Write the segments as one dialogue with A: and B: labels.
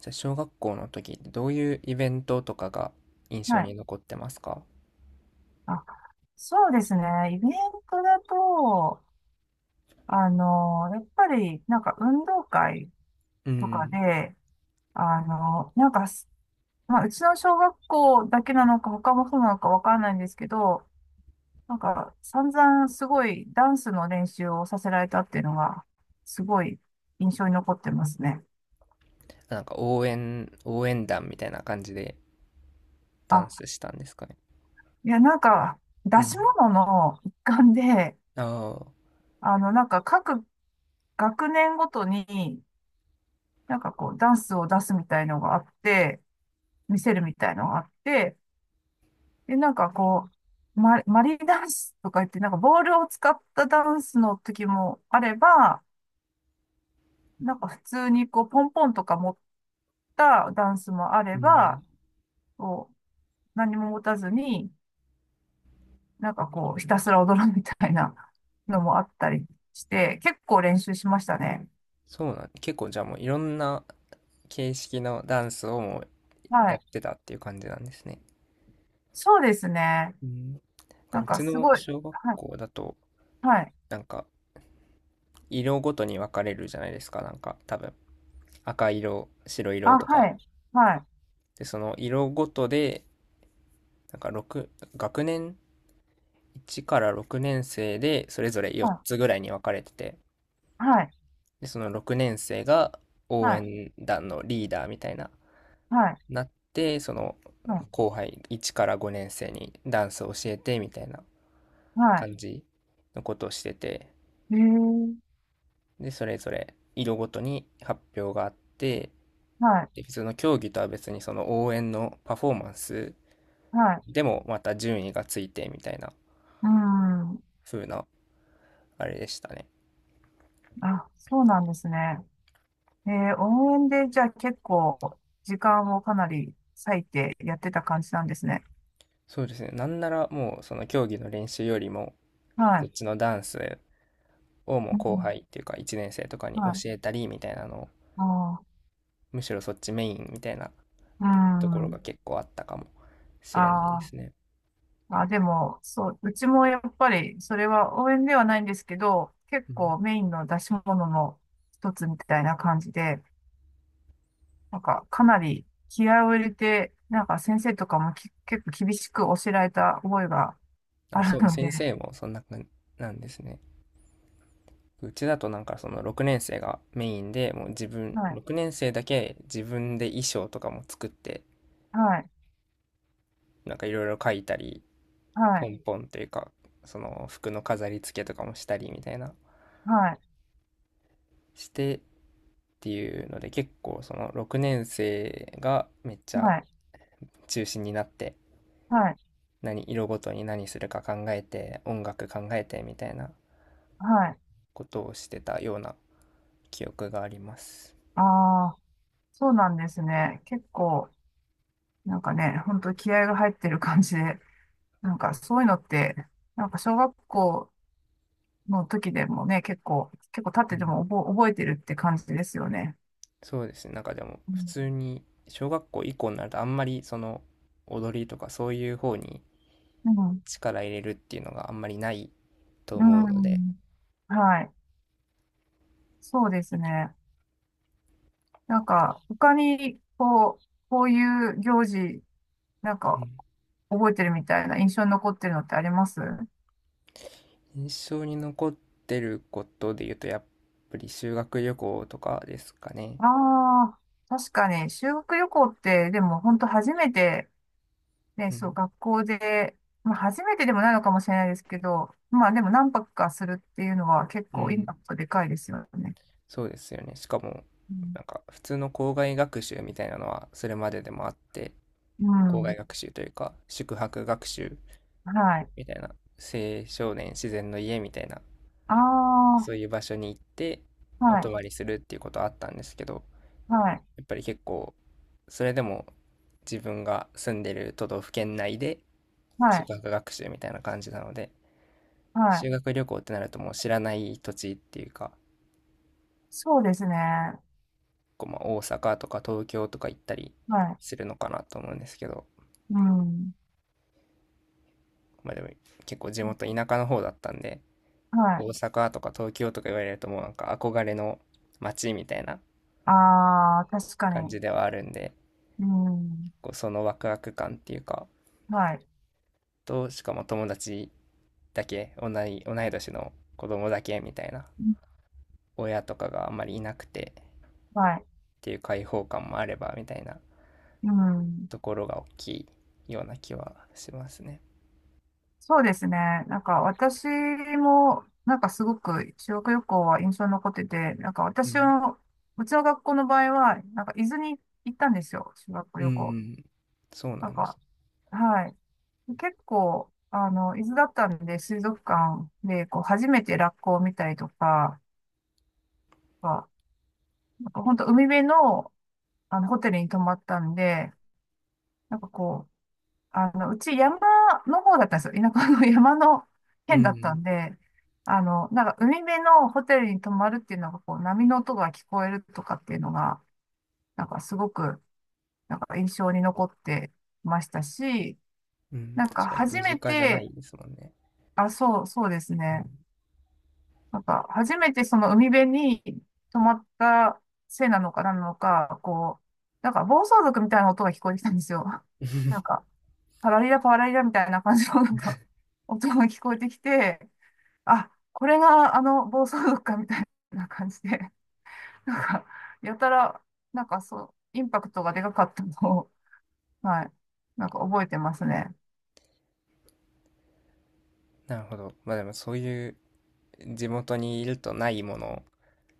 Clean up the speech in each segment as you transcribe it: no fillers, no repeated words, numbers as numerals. A: じゃあ小学校の時ってどういうイベントとかが印象
B: はい。
A: に残ってますか？
B: あ、そうですね。イベントだと、あの、やっぱり、なんか運動会
A: う
B: とか
A: ん。
B: で、あの、なんかす、まあ、うちの小学校だけなのか、他もそうなのかわからないんですけど、散々すごいダンスの練習をさせられたっていうのが、すごい印象に残ってますね。
A: なんか応援団みたいな感じでダ
B: あ、
A: ンスしたんですかね。
B: いや、なんか、
A: う
B: 出し
A: ん。
B: 物の一環で、
A: ああ、
B: 各学年ごとに、ダンスを出すみたいのがあって、見せるみたいのがあって、で、マリーダンスとか言って、ボールを使ったダンスの時もあれば、なんか普通にこう、ポンポンとか持ったダンスもあ
A: う
B: れ
A: ん。
B: ば、こう、何も持たずに、ひたすら踊るみたいなのもあったりして、結構練習しましたね。
A: そうなん、結構じゃあもういろんな形式のダンスをもう
B: は
A: やっ
B: い。
A: てたっていう感じなんですね。
B: そうですね。
A: うん。なんか
B: なん
A: う
B: か
A: ち
B: す
A: の
B: ごい、
A: 小学
B: はい、
A: 校だと、
B: はい。
A: なんか色ごとに分かれるじゃないですか、なんか多分。赤色、白
B: あ、
A: 色と
B: は
A: か。
B: い、はい。
A: で、その色ごとで、なんか6、学年1から6年生でそれぞれ
B: は
A: 4
B: い、
A: つぐらいに分かれてて、
B: はい、
A: で、その6年生が
B: は
A: 応
B: い、
A: 援団のリーダーみたいな、
B: はい、
A: なって、その
B: はい、
A: 後輩1から5年生にダンスを教えてみたいな
B: は
A: 感じのことをしてて、
B: い。へえ、
A: で、それぞれ色ごとに発表があって、
B: はい、
A: で、普通の競技とは別にその応援のパフォーマンス
B: はい。
A: でもまた順位がついてみたいな
B: うん。
A: 風なあれでしたね。
B: あ、そうなんですね。えー、応援で、じゃあ結構、時間をかなり割いてやってた感じなんですね。
A: そうですね。なんならもうその競技の練習よりも
B: は
A: そっ
B: い。
A: ちのダンスをもう
B: う
A: 後
B: ん、
A: 輩っていうか1年生とかに教
B: はい。
A: えたりみたいなのを、
B: ああ、
A: むしろそっちメインみたいな
B: う
A: ところが
B: ん。
A: 結構あったかもしれないで
B: あ
A: すね。
B: ー、あ、でも、そう、うちもやっぱり、それは応援ではないんですけど、結
A: うん。
B: 構メインの出し物の一つみたいな感じで、かなり気合を入れて、先生とかもき結構厳しく教えられた覚えがあ
A: あ、そ
B: る
A: う、
B: ので、
A: 先生もそんな感じなんですね。うちだとなんかその6年生がメインで、もう自分、
B: はい、
A: 6年生だけ自分で衣装とかも作って、
B: はい、
A: なんかいろいろ書いたり、
B: は
A: ポ
B: い、
A: ンポンというか、その服の飾り付けとかもしたりみたいな、
B: はい、
A: してっていうので、結構その6年生がめっちゃ
B: はい、
A: 中心になって
B: はい、
A: 何色ごとに何するか考えて音楽考えてみたいな
B: はい。
A: ことをしてたような記憶があります。
B: ああ、そうなんですね。結構、本当気合が入ってる感じで、そういうのって、小学校の時でもね、結構経っ
A: う
B: てて
A: ん。
B: も覚えてるって感じですよね。
A: そうですね。なんかでも
B: う
A: 普
B: ん、
A: 通に小学校以降になるとあんまりその踊りとかそういう方に
B: うん、
A: 力入れるっていうのがあんまりないと
B: う
A: 思うので。
B: ん、はい、そうですね。なんか、他に、こう、こういう行事、なん
A: う
B: か、
A: ん。
B: 覚えてるみたいな印象に残ってるのってありますあ
A: 印象に残ってることで言うとやっぱり修学旅行とかですかね。
B: あ、確かに、修学旅行って、でも、本当初めて、ね、
A: う
B: そう、
A: ん、
B: 学校で、まあ、初めてでもないのかもしれないですけど、まあ、でも、何泊かするっていうのは、結
A: う
B: 構、イン
A: ん、
B: パクトでかいですよね。
A: そうですよね。しかも、
B: うん。
A: なんか普通の校外学習みたいなのはそれまででもあって、
B: う
A: 校外学
B: ん、
A: 習というか、宿泊学習
B: はい。
A: みたいな、青少年自然の家みたいな、
B: ああ、
A: そういう場所に行ってお
B: は
A: 泊
B: い、
A: まりするっていうことはあったんですけど、
B: はい、
A: やっぱり結構、それでも自分が住んでる都道府県内で
B: はい、
A: 宿泊学習みたいな感じなので、
B: は
A: 修
B: い。
A: 学旅行ってなるともう知らない土地っていうか、
B: そうですね。は
A: こうまあ大阪とか東京とか行ったりす
B: い。
A: るのかなと思うんですけど、
B: うん。
A: まあでも結構地元田舎の方だったんで、
B: は
A: 大
B: い。
A: 阪とか東京とか言われるともうなんか憧れの街みたいな
B: ああ、確か
A: 感
B: に。
A: じではあるんで、
B: うん。
A: こうそのワクワク感っていうか、
B: はい。
A: と、しかも友達だけ、同い年の子供だけみたいな、
B: うん、
A: 親とかがあんまりいなくてっ
B: はい。
A: ていう開放感もあればみたいな
B: うん。
A: ところが大きいような気はしますね。
B: そうですね。なんか私も、なんかすごく修学旅行は印象に残ってて、なんか
A: う
B: 私
A: ん。
B: の、うちの学校の場合は、なんか伊豆に行ったんですよ。修学
A: う
B: 旅行。
A: ん。そうな
B: なん
A: んです。
B: か、はい。結構、あの、伊豆だったんで、水族館で、こう、初めてラッコを見たりとか、なんか、なんか本当海辺の、あの、ホテルに泊まったんで、なんかこう、うち山の方だったんですよ。田舎の 山の
A: う
B: 県だったん
A: ん。
B: で、海辺のホテルに泊まるっていうのが、こう、波の音が聞こえるとかっていうのが、なんかすごく印象に残ってましたし、
A: うん、
B: なんか
A: 確かに
B: 初
A: 身
B: め
A: 近じゃな
B: て、
A: いですもんね。
B: あ、そう、そうです
A: うん。
B: ね。なんか初めてその海辺に泊まったせいなのか何なのか、こう、暴走族みたいな音が聞こえてきたんですよ。なん か、パラリラパラリラみたいな感じのなんか 音が聞こえてきて、あ、これがあの暴走族かみたいな感じで、なんか、やたら、なんかそう、インパクトがでかかったのを、はい、なんか覚えてますね。
A: なるほど。まあでもそういう地元にいるとないもの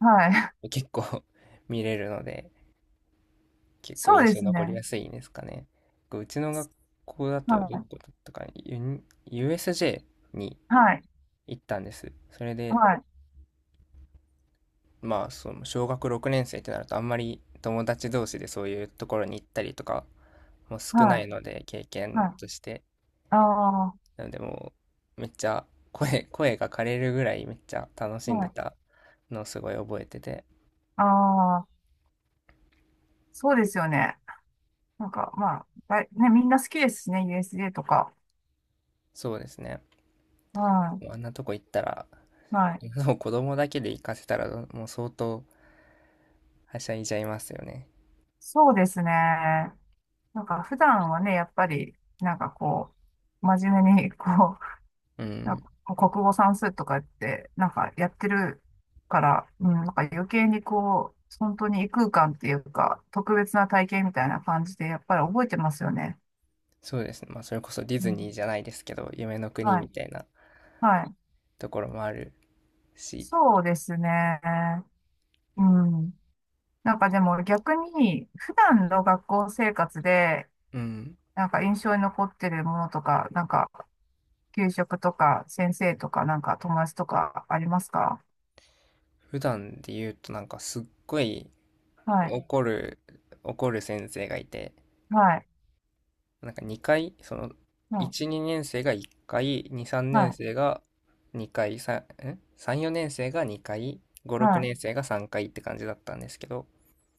B: はい。
A: を結構 見れるので、結構
B: そう
A: 印
B: で
A: 象
B: す
A: 残りや
B: ね。
A: すいんですかね。うちの学校だと、ど
B: は
A: こだったかな、USJ に
B: い。はい。
A: 行ったんです。それで、
B: はい。
A: まあその小学6年生ってなるとあんまり友達同士でそういうところに行ったりとかも少な
B: は
A: いの
B: い。
A: で、経
B: は
A: 験
B: い。
A: として。
B: ああ、
A: なのでもうめっちゃ声が枯れるぐらいめっちゃ楽しん
B: は
A: で
B: い。
A: たのをすごい覚えてて。
B: ああ、そうですよね。なんか、まあ、だいね、みんな好きですしね、USJ とか。
A: そうですね。
B: は
A: もうあんなとこ行ったら、
B: い。はい。
A: もう子供だけで行かせたら、もう相当はしゃいじゃいますよね。
B: そうですね。なんか普段はね、やっぱり、なんかこう、真面目に、こ
A: う
B: う、なん
A: ん。
B: か国語算数とかやって、なんかやってるから、うん、なんか余計にこう、本当に異空間っていうか、特別な体験みたいな感じで、やっぱり覚えてますよね。
A: そうですね。まあ、それこそディ
B: う
A: ズニ
B: ん、
A: ーじゃないですけど、夢の国
B: は
A: み
B: い。
A: たいな
B: はい。
A: ところもあるし、
B: そうですね。うん。なんかでも逆に、普段の学校生活で、
A: うん。
B: なんか印象に残ってるものとか、なんか給食とか、先生とか、なんか友達とかありますか？
A: 普段で言うと、なんかすっごい
B: はい、
A: 怒る、怒る先生がいて、
B: はい、
A: なんか2回、その、
B: はい、
A: 1、2年生が1回、2、3
B: は
A: 年
B: い、
A: 生が2回、3、4年生が2回、5、
B: は
A: 6
B: い、
A: 年生が3回って感じだったんですけど、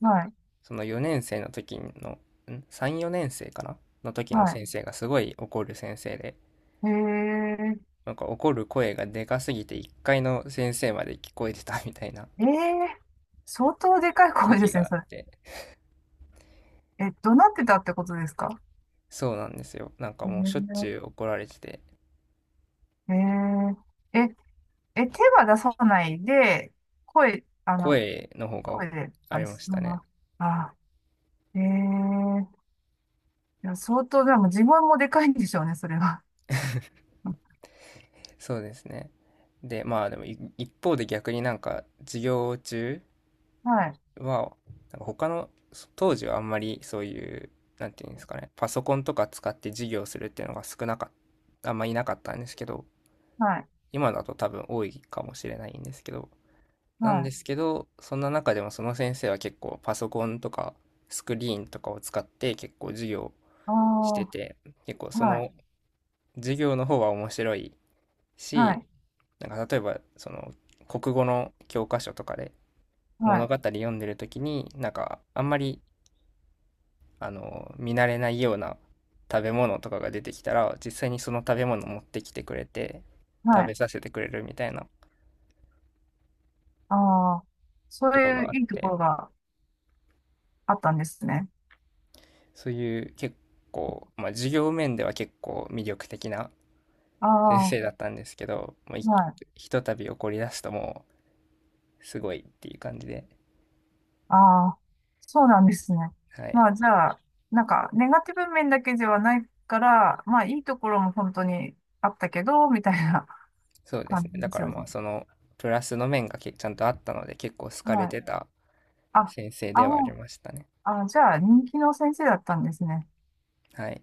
B: はい、
A: その4年生の時の、3、4年生かなの時の
B: は
A: 先生がすごい怒る先生で、
B: い。え
A: なんか怒る声がでかすぎて1階の先生まで聞こえてたみたいな
B: ー、えー、相当でかい 声で
A: 時
B: す
A: が
B: ね、
A: あっ
B: それ。
A: て、
B: え、怒鳴ってたってことですか？
A: そうなんですよ。なんか
B: え
A: もうしょっち
B: ー、
A: ゅう怒られてて、
B: えー、え、え、手は出さないで、声、あの、
A: 声の方が
B: 声で、
A: あ
B: あ、
A: りまし
B: その
A: たね。
B: まま、あ、えー、いや、相当、でも自分もでかいんでしょうね、それは。
A: そうですね。で、まあでも一方で逆になんか授業中、
B: はい、
A: は、なんか他の、当時はあんまりそういう、なんていうんですかね、パソコンとか使って授業するっていうのが少なかった、あんまいなかったんですけど、
B: はい、
A: 今だと多分多いかもしれないんですけど、
B: はい、
A: そんな中でもその先生は結構パソコンとかスクリーンとかを使って結構授業
B: あ
A: して
B: あ、
A: て、結構そ
B: はい。
A: の授業の方が面白い
B: は
A: し、
B: い、
A: なんか例えばその国語の教科書とかで
B: は
A: 物
B: い。
A: 語読んでる時になんかあんまりあの見慣れないような食べ物とかが出てきたら実際にその食べ物持ってきてくれて
B: は
A: 食べ
B: い。
A: させてくれるみたいな
B: ああ、そ
A: と
B: う
A: か
B: いう
A: があっ
B: いいとこ
A: て、
B: ろがあったんですね。
A: そういう結構、まあ、授業面では結構魅力的な
B: ああ、
A: 先
B: は
A: 生だったんですけど、もう
B: い。
A: ひとたび怒り出すともうすごいっていう感じで、
B: ああ、そうなんですね。
A: はい、
B: まあ、じゃあ、なんか、ネガティブ面だけではないから、まあ、いいところも本当にあったけど、みたいな
A: そう です
B: 感
A: ね。
B: じ
A: だ
B: で
A: か
B: す
A: ら
B: よ
A: ま
B: ね。
A: あそのプラスの面がちゃんとあったので結構好かれ
B: はい。
A: てた
B: あ、
A: 先生
B: あ
A: ではあり
B: の、
A: ましたね。
B: あ、じゃあ、人気の先生だったんですね。
A: はい、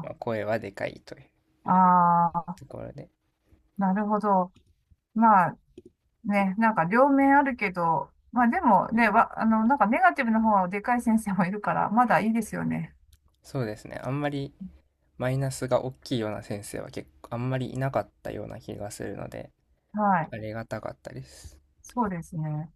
A: まあ、声はでかいという
B: あ、ああ、
A: ところで。
B: なるほど。まあ、ね、なんか両面あるけど、まあでもね、わ、あの、なんかネガティブの方はでかい先生もいるから、まだいいですよね。
A: そうですね。あんまりマイナスが大きいような先生は結構あんまりいなかったような気がするので、
B: はい。
A: ありがたかったです。
B: そうですね。